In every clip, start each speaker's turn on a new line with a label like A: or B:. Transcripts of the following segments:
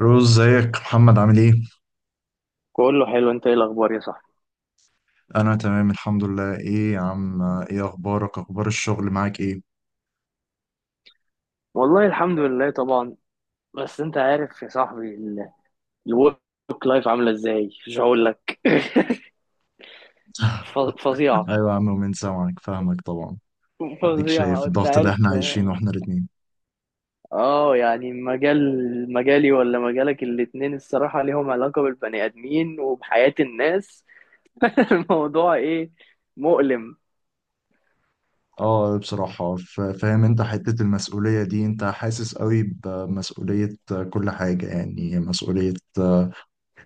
A: روز، ازيك محمد؟ عامل ايه؟
B: كله حلو، انت ايه الاخبار يا صاحبي؟
A: انا تمام الحمد لله. ايه يا عم، ايه اخبارك؟ اخبار الشغل معاك ايه؟
B: والله الحمد لله طبعا. بس انت عارف يا صاحبي الورك لايف عامله ازاي مش هقول لك. فظيعه.
A: ايوه يا عم، ومن سامعك فاهمك طبعا. اديك شايف
B: فظيعه انت
A: الضغط اللي احنا
B: عارف.
A: عايشينه احنا الاتنين.
B: اه يعني مجالي ولا مجالك، الاتنين الصراحه ليهم علاقه بالبني ادمين وبحياه الناس. الموضوع ايه؟ مؤلم.
A: اه بصراحة فاهم، انت حتة المسؤولية دي انت حاسس قوي بمسؤولية. كل حاجة يعني مسؤولية.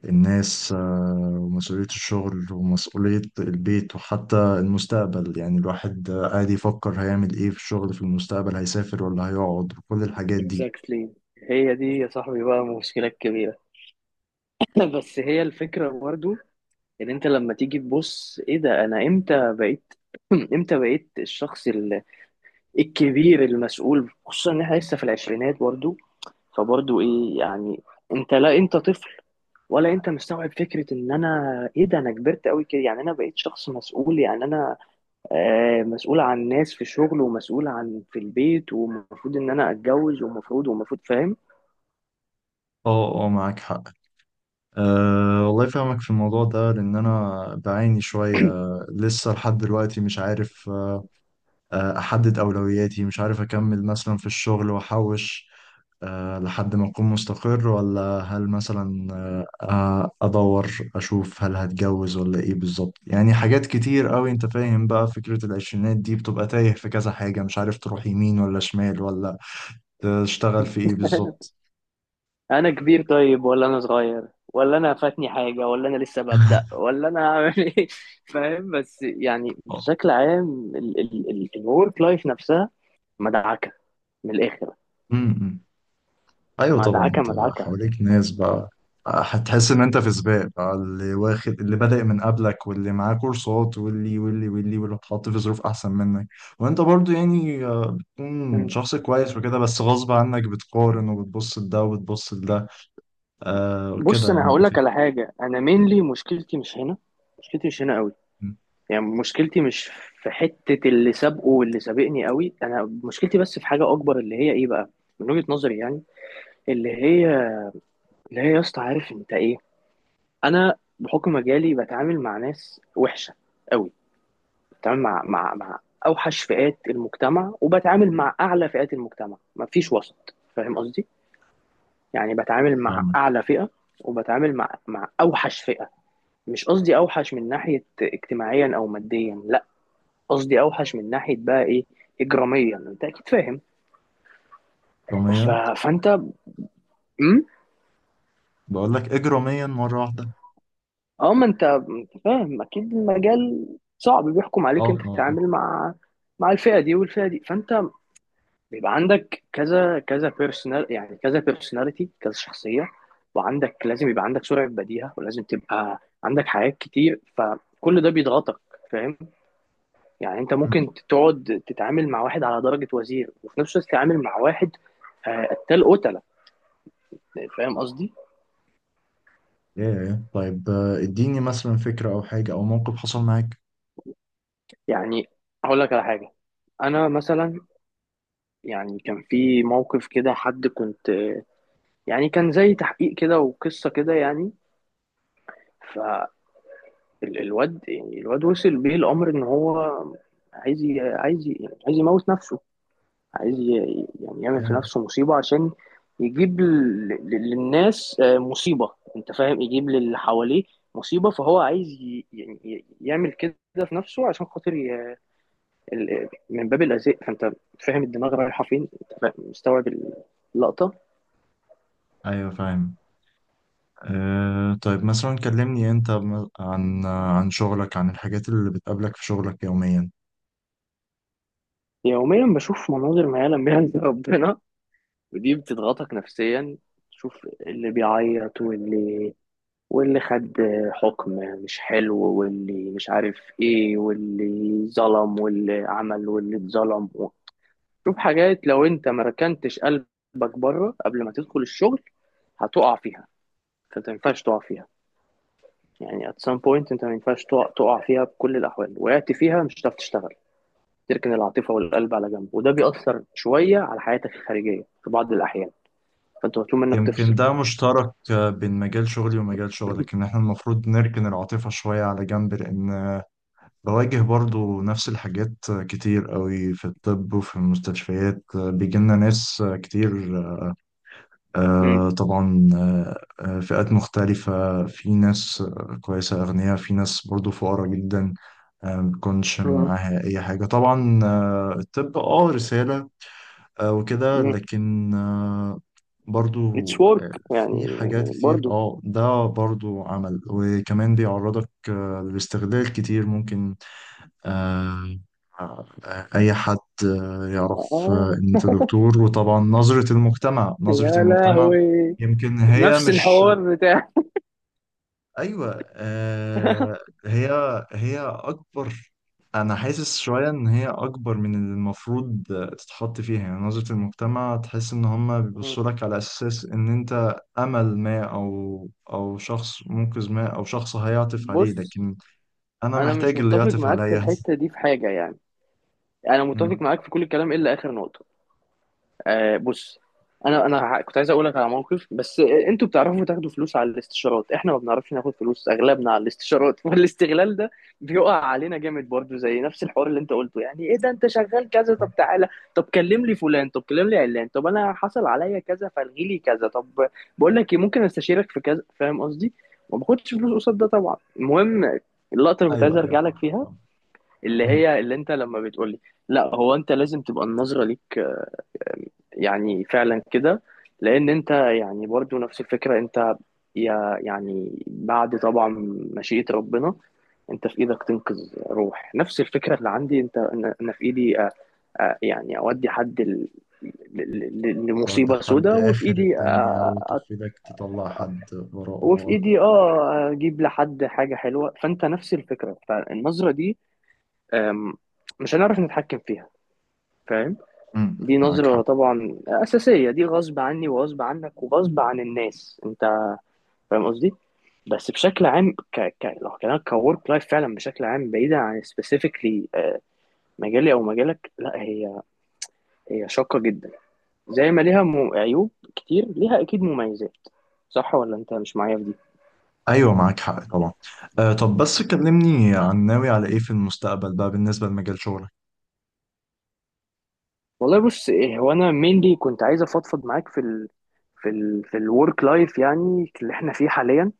A: الناس ومسؤولية الشغل ومسؤولية البيت وحتى المستقبل. يعني الواحد قاعد يفكر هيعمل ايه في الشغل، في المستقبل هيسافر ولا هيقعد، وكل الحاجات دي.
B: Exactly. هي دي يا صاحبي بقى مشكله كبيره. بس هي الفكره برضو، ان انت لما تيجي تبص ايه ده، انا امتى بقيت؟ امتى بقيت الشخص الكبير المسؤول؟ خصوصا ان احنا لسه في العشرينات برضو. فبرضو ايه يعني؟ انت لا انت طفل، ولا انت مستوعب فكرة ان انا، ايه ده انا كبرت قوي كده؟ يعني انا بقيت شخص مسؤول. يعني انا آه، مسؤول عن ناس في الشغل، ومسؤول عن في البيت، ومفروض ان انا اتجوز، ومفروض، ومفروض، فاهم.
A: اه اه، معاك حق. أه والله فاهمك في الموضوع ده، لأن أنا بعاني شوية. لسه لحد دلوقتي مش عارف أحدد أولوياتي، مش عارف أكمل مثلا في الشغل وأحوش أه لحد ما أكون مستقر، ولا هل مثلا أدور أشوف هل هتجوز ولا إيه بالظبط. يعني حاجات كتير أوي. أنت فاهم بقى، فكرة العشرينات دي بتبقى تايه في كذا حاجة، مش عارف تروح يمين ولا شمال ولا تشتغل في إيه بالظبط.
B: انا كبير طيب ولا انا صغير؟ ولا انا فاتني حاجه؟ ولا انا لسه ببدا؟ ولا انا هعمل ايه؟ فاهم، بس يعني
A: آه.
B: بشكل عام. الورك لايف نفسها مدعكه من الاخر.
A: م- م. ايوه طبعا،
B: مدعكه
A: انت
B: مدعكه.
A: حواليك ناس بقى، هتحس ان انت في سباق بقى، اللي واخد، اللي بادئ من قبلك، واللي معاه كورسات، واللي اتحط في ظروف احسن منك. وانت برضو يعني بتكون
B: مم.
A: شخص كويس وكده، بس غصب عنك بتقارن وبتبص لده وبتبص لده. آه
B: بص
A: كده، يعني
B: انا
A: انت
B: هقول لك
A: فاهم.
B: على حاجه، انا مينلي مشكلتي مش هنا. مشكلتي مش هنا قوي.
A: مم،
B: يعني مشكلتي مش في حته اللي سابقه واللي سابقني قوي. انا مشكلتي بس في حاجه اكبر، اللي هي ايه بقى، من وجهه نظري يعني، اللي هي، اللي هي يا اسطى عارف انت ايه؟ انا بحكم مجالي بتعامل مع ناس وحشه قوي. بتعامل مع اوحش فئات المجتمع، وبتعامل مع اعلى فئات المجتمع. مفيش وسط، فاهم قصدي؟ يعني بتعامل مع
A: فاهمك.
B: اعلى فئه، وبتعامل مع اوحش فئه. مش قصدي اوحش من ناحيه اجتماعيا او ماديا، لا، قصدي اوحش من ناحيه بقى ايه، اجراميا، انت اكيد فاهم. ف...
A: اجراميا؟
B: فانت، امم
A: بقول لك اجراميا مره واحده.
B: اه ما انت أنت فاهم اكيد، المجال صعب، بيحكم
A: اه
B: عليك انت
A: اه اه.
B: تتعامل مع الفئه دي والفئه دي. فانت بيبقى عندك كذا، كذا بيرسونال يعني كذا بيرسوناليتي، كذا شخصية. وعندك لازم يبقى عندك سرعة بديهة، ولازم تبقى عندك حاجات كتير، فكل ده بيضغطك، فاهم؟ يعني انت
A: مم،
B: ممكن تقعد تتعامل مع واحد على درجة وزير، وفي نفس الوقت تتعامل مع واحد آه، قتال، قتلة. فاهم قصدي؟
A: ايه إيه. طيب اديني مثلا فكره او حاجه او موقف حصل معاك.
B: يعني هقول لك على حاجة. انا مثلا، يعني كان في موقف كده، حد كنت، يعني كان زي تحقيق كده وقصة كده يعني. الواد، يعني الواد وصل بيه الامر ان هو عايز عايز يموت نفسه. عايز يعمل في
A: ايه،
B: نفسه مصيبه، عشان يجيب للناس آه، مصيبه، انت فاهم، يجيب للي حواليه مصيبه. فهو عايز يعمل كده في نفسه عشان خاطر من باب الاذى. فانت فاهم الدماغ رايحه فين، انت فاهم، مستوعب اللقطه.
A: ايوه فاهم. طيب مثلا كلمني انت عن شغلك، عن الحاجات اللي بتقابلك في شغلك يوميا.
B: يوميا بشوف مناظر ما يعلم بها الا ربنا، ودي بتضغطك نفسيا. تشوف اللي بيعيط، واللي خد حكم مش حلو، واللي مش عارف ايه، واللي ظلم، واللي عمل، واللي اتظلم. شوف حاجات لو انت ما ركنتش قلبك بره قبل ما تدخل الشغل هتقع فيها. فانت ما ينفعش تقع فيها. يعني at some point انت ما ينفعش تقع فيها. بكل الاحوال، وقعت فيها مش هتعرف تشتغل. تركن العاطفة والقلب على جنب، وده بيأثر شوية على حياتك الخارجية في بعض الأحيان. فأنت مطلوب منك
A: يمكن
B: تفصل.
A: ده مشترك بين مجال شغلي ومجال شغلك، ان احنا المفروض نركن العاطفة شوية على جنب. لان بواجه برضو نفس الحاجات كتير قوي في الطب وفي المستشفيات. بيجيلنا ناس كتير،
B: امم
A: طبعا، فئات مختلفة، في ناس كويسة أغنياء، في ناس برضو فقراء جدا ما تكونش معاها أي حاجة طبعا. الطب اه رسالة وكده،
B: امم
A: لكن برضو
B: اتس ورك يعني.
A: في حاجات كتير.
B: برضو
A: اه ده برضو عمل، وكمان بيعرضك للاستغلال كتير ممكن. آه، آه، أي حد يعرف
B: اه.
A: إن أنت دكتور، وطبعا نظرة المجتمع، نظرة
B: يا
A: المجتمع
B: لهوي،
A: يمكن هي
B: نفس
A: مش،
B: الحوار بتاع.
A: ايوه آه. هي، هي اكبر. انا حاسس شويه ان هي اكبر من اللي المفروض تتحط فيها. يعني نظره المجتمع، تحس ان هم بيبصوا لك على اساس ان انت امل ما او شخص منقذ ما او شخص هيعطف عليه،
B: بص
A: لكن انا
B: انا مش
A: محتاج اللي
B: متفق
A: يعطف
B: معاك في
A: عليا.
B: الحته دي في حاجه يعني. انا متفق
A: مم.
B: معاك في كل الكلام الا اخر نقطه. آه بص، كنت عايز اقول لك على موقف، بس آه، انتوا بتعرفوا تاخدوا فلوس على الاستشارات، احنا ما بنعرفش ناخد فلوس اغلبنا على الاستشارات. والاستغلال ده بيقع علينا جامد برضو، زي نفس الحوار اللي انت قلته. يعني ايه ده انت شغال كذا؟ طب تعالى، طب كلم لي فلان، طب كلم لي علان، طب انا حصل عليا كذا فالغي لي كذا، طب بقول لك ايه ممكن استشيرك في كذا، فاهم قصدي؟ ما باخدش فلوس قصاد ده طبعا. المهم، اللقطه اللي كنت عايز
A: ايوه ايوه.
B: ارجع لك فيها، اللي
A: مم.
B: هي اللي انت لما بتقول لي، لا هو انت لازم تبقى النظره ليك يعني فعلا كده. لان انت يعني برضو نفس الفكره، انت يا يعني بعد طبعا مشيئه ربنا، انت في ايدك تنقذ روح. نفس الفكره اللي عندي. انت انا في ايدي اودي حد
A: تودي
B: لمصيبه
A: حد
B: سوداء، وفي
A: اخر
B: ايدي
A: الدنيا
B: أ-
A: وتقفلك تطلع حد
B: وفي
A: وراه.
B: ايدي اه اجيب لحد حاجه حلوه. فانت نفس الفكره، فالنظره دي أم، مش هنعرف نتحكم فيها، فاهم؟
A: مم.
B: دي
A: معاك
B: نظرة
A: حق.
B: طبعا أساسية، دي غصب عني وغصب عنك وغصب عن الناس، أنت فاهم قصدي؟ بس بشكل عام لو كلامك كورك لايف فعلا بشكل عام، بعيدا عن سبيسيفيكلي مجالي أو مجالك، لا هي، هي شاقة جدا. زي ما ليها عيوب كتير، ليها أكيد مميزات. صح ولا أنت مش معايا في دي؟
A: ايوه معاك حق طبعا. آه، طب بس كلمني عن ناوي على ايه في المستقبل بقى بالنسبه لمجال شغلك.
B: والله بص إيه، هو أنا مينلي كنت عايز أفضفض معاك في في الورك لايف يعني اللي إحنا فيه حاليا.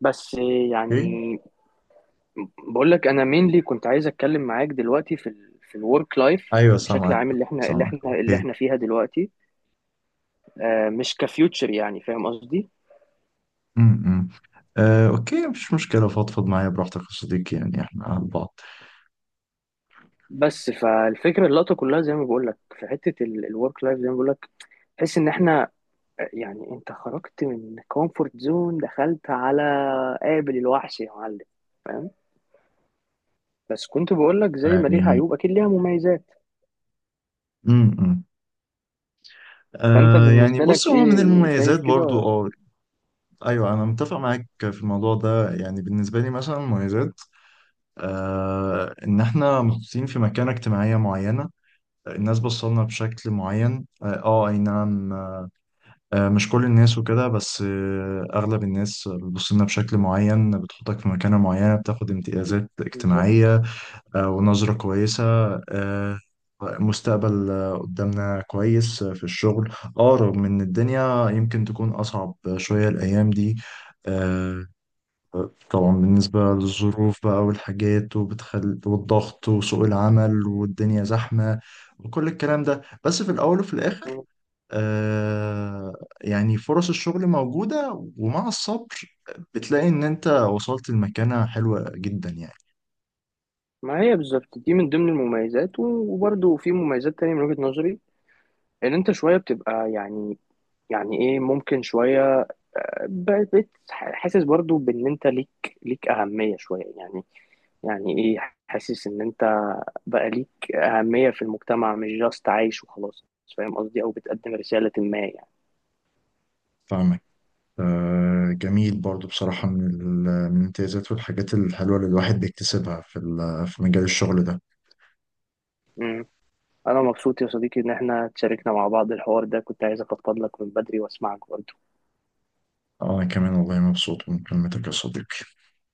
B: بس
A: اوكي.
B: يعني بقول لك انا مينلي كنت عايز اتكلم معاك دلوقتي في في الورك لايف
A: ايوه
B: بشكل
A: سامعك،
B: عام، اللي احنا
A: سامعك. اوكي.
B: فيها دلوقتي، آه، مش كفيوتشر، يعني فاهم قصدي.
A: امم، إمم. آه اوكي، مفيش مشكله، فضفض معايا براحتك يا صديقي، يعني احنا على بعض.
B: بس فالفكره اللقطه كلها زي ما بقول لك، في حته الورك لايف زي ما بقول لك، تحس ان احنا آه، يعني انت خرجت من كومفورت زون، دخلت على قابل الوحش يا معلم، فاهم؟ بس كنت بقول لك زي ما ليها
A: يعني،
B: عيوب اكيد ليها مميزات.
A: امم، إمم.
B: فانت
A: آه يعني،
B: بالنسبه
A: بص،
B: لك
A: هو من
B: ايه
A: المميزات
B: شايف
A: برضو
B: كده؟
A: اه. ايوه، انا متفق معاك في الموضوع ده. يعني بالنسبه لي مثلا مميزات، آه إن إحنا محطوطين في مكانة اجتماعية معينة، الناس بصلنا بشكل معين. آه آه، أي نعم. آه مش كل الناس وكده بس، آه أغلب الناس بتبصلنا بشكل معين، بتحطك في مكانة معينة، بتاخد امتيازات
B: بالظبط.
A: اجتماعية، آه ونظرة كويسة. آه، مستقبل قدامنا كويس في الشغل. اه رغم ان الدنيا يمكن تكون اصعب شوية الايام دي، آه، طبعا بالنسبة للظروف بقى والحاجات والضغط وسوق العمل والدنيا زحمة وكل الكلام ده. بس في الأول وفي الآخر آه يعني فرص الشغل موجودة، ومع الصبر بتلاقي إن أنت وصلت لمكانة حلوة جدا يعني.
B: ما هي بالظبط دي من ضمن المميزات، وبرضه في مميزات تانية من وجهة نظري، ان انت شوية بتبقى يعني، يعني ايه، ممكن شوية حاسس برضه بان انت ليك، ليك اهمية شوية يعني. يعني ايه، حاسس ان انت بقى ليك اهمية في المجتمع، مش جاست عايش وخلاص، فاهم قصدي؟ او بتقدم رسالة ما يعني.
A: فاهمك. آه جميل برضو بصراحة من من الامتيازات والحاجات الحلوة اللي الواحد بيكتسبها في في مجال الشغل ده.
B: مم. انا مبسوط يا صديقي ان احنا تشاركنا مع بعض الحوار ده، كنت عايز افضفض لك من بدري واسمعك برضه.
A: أنا كمان والله مبسوط من كلمتك يا صديقي.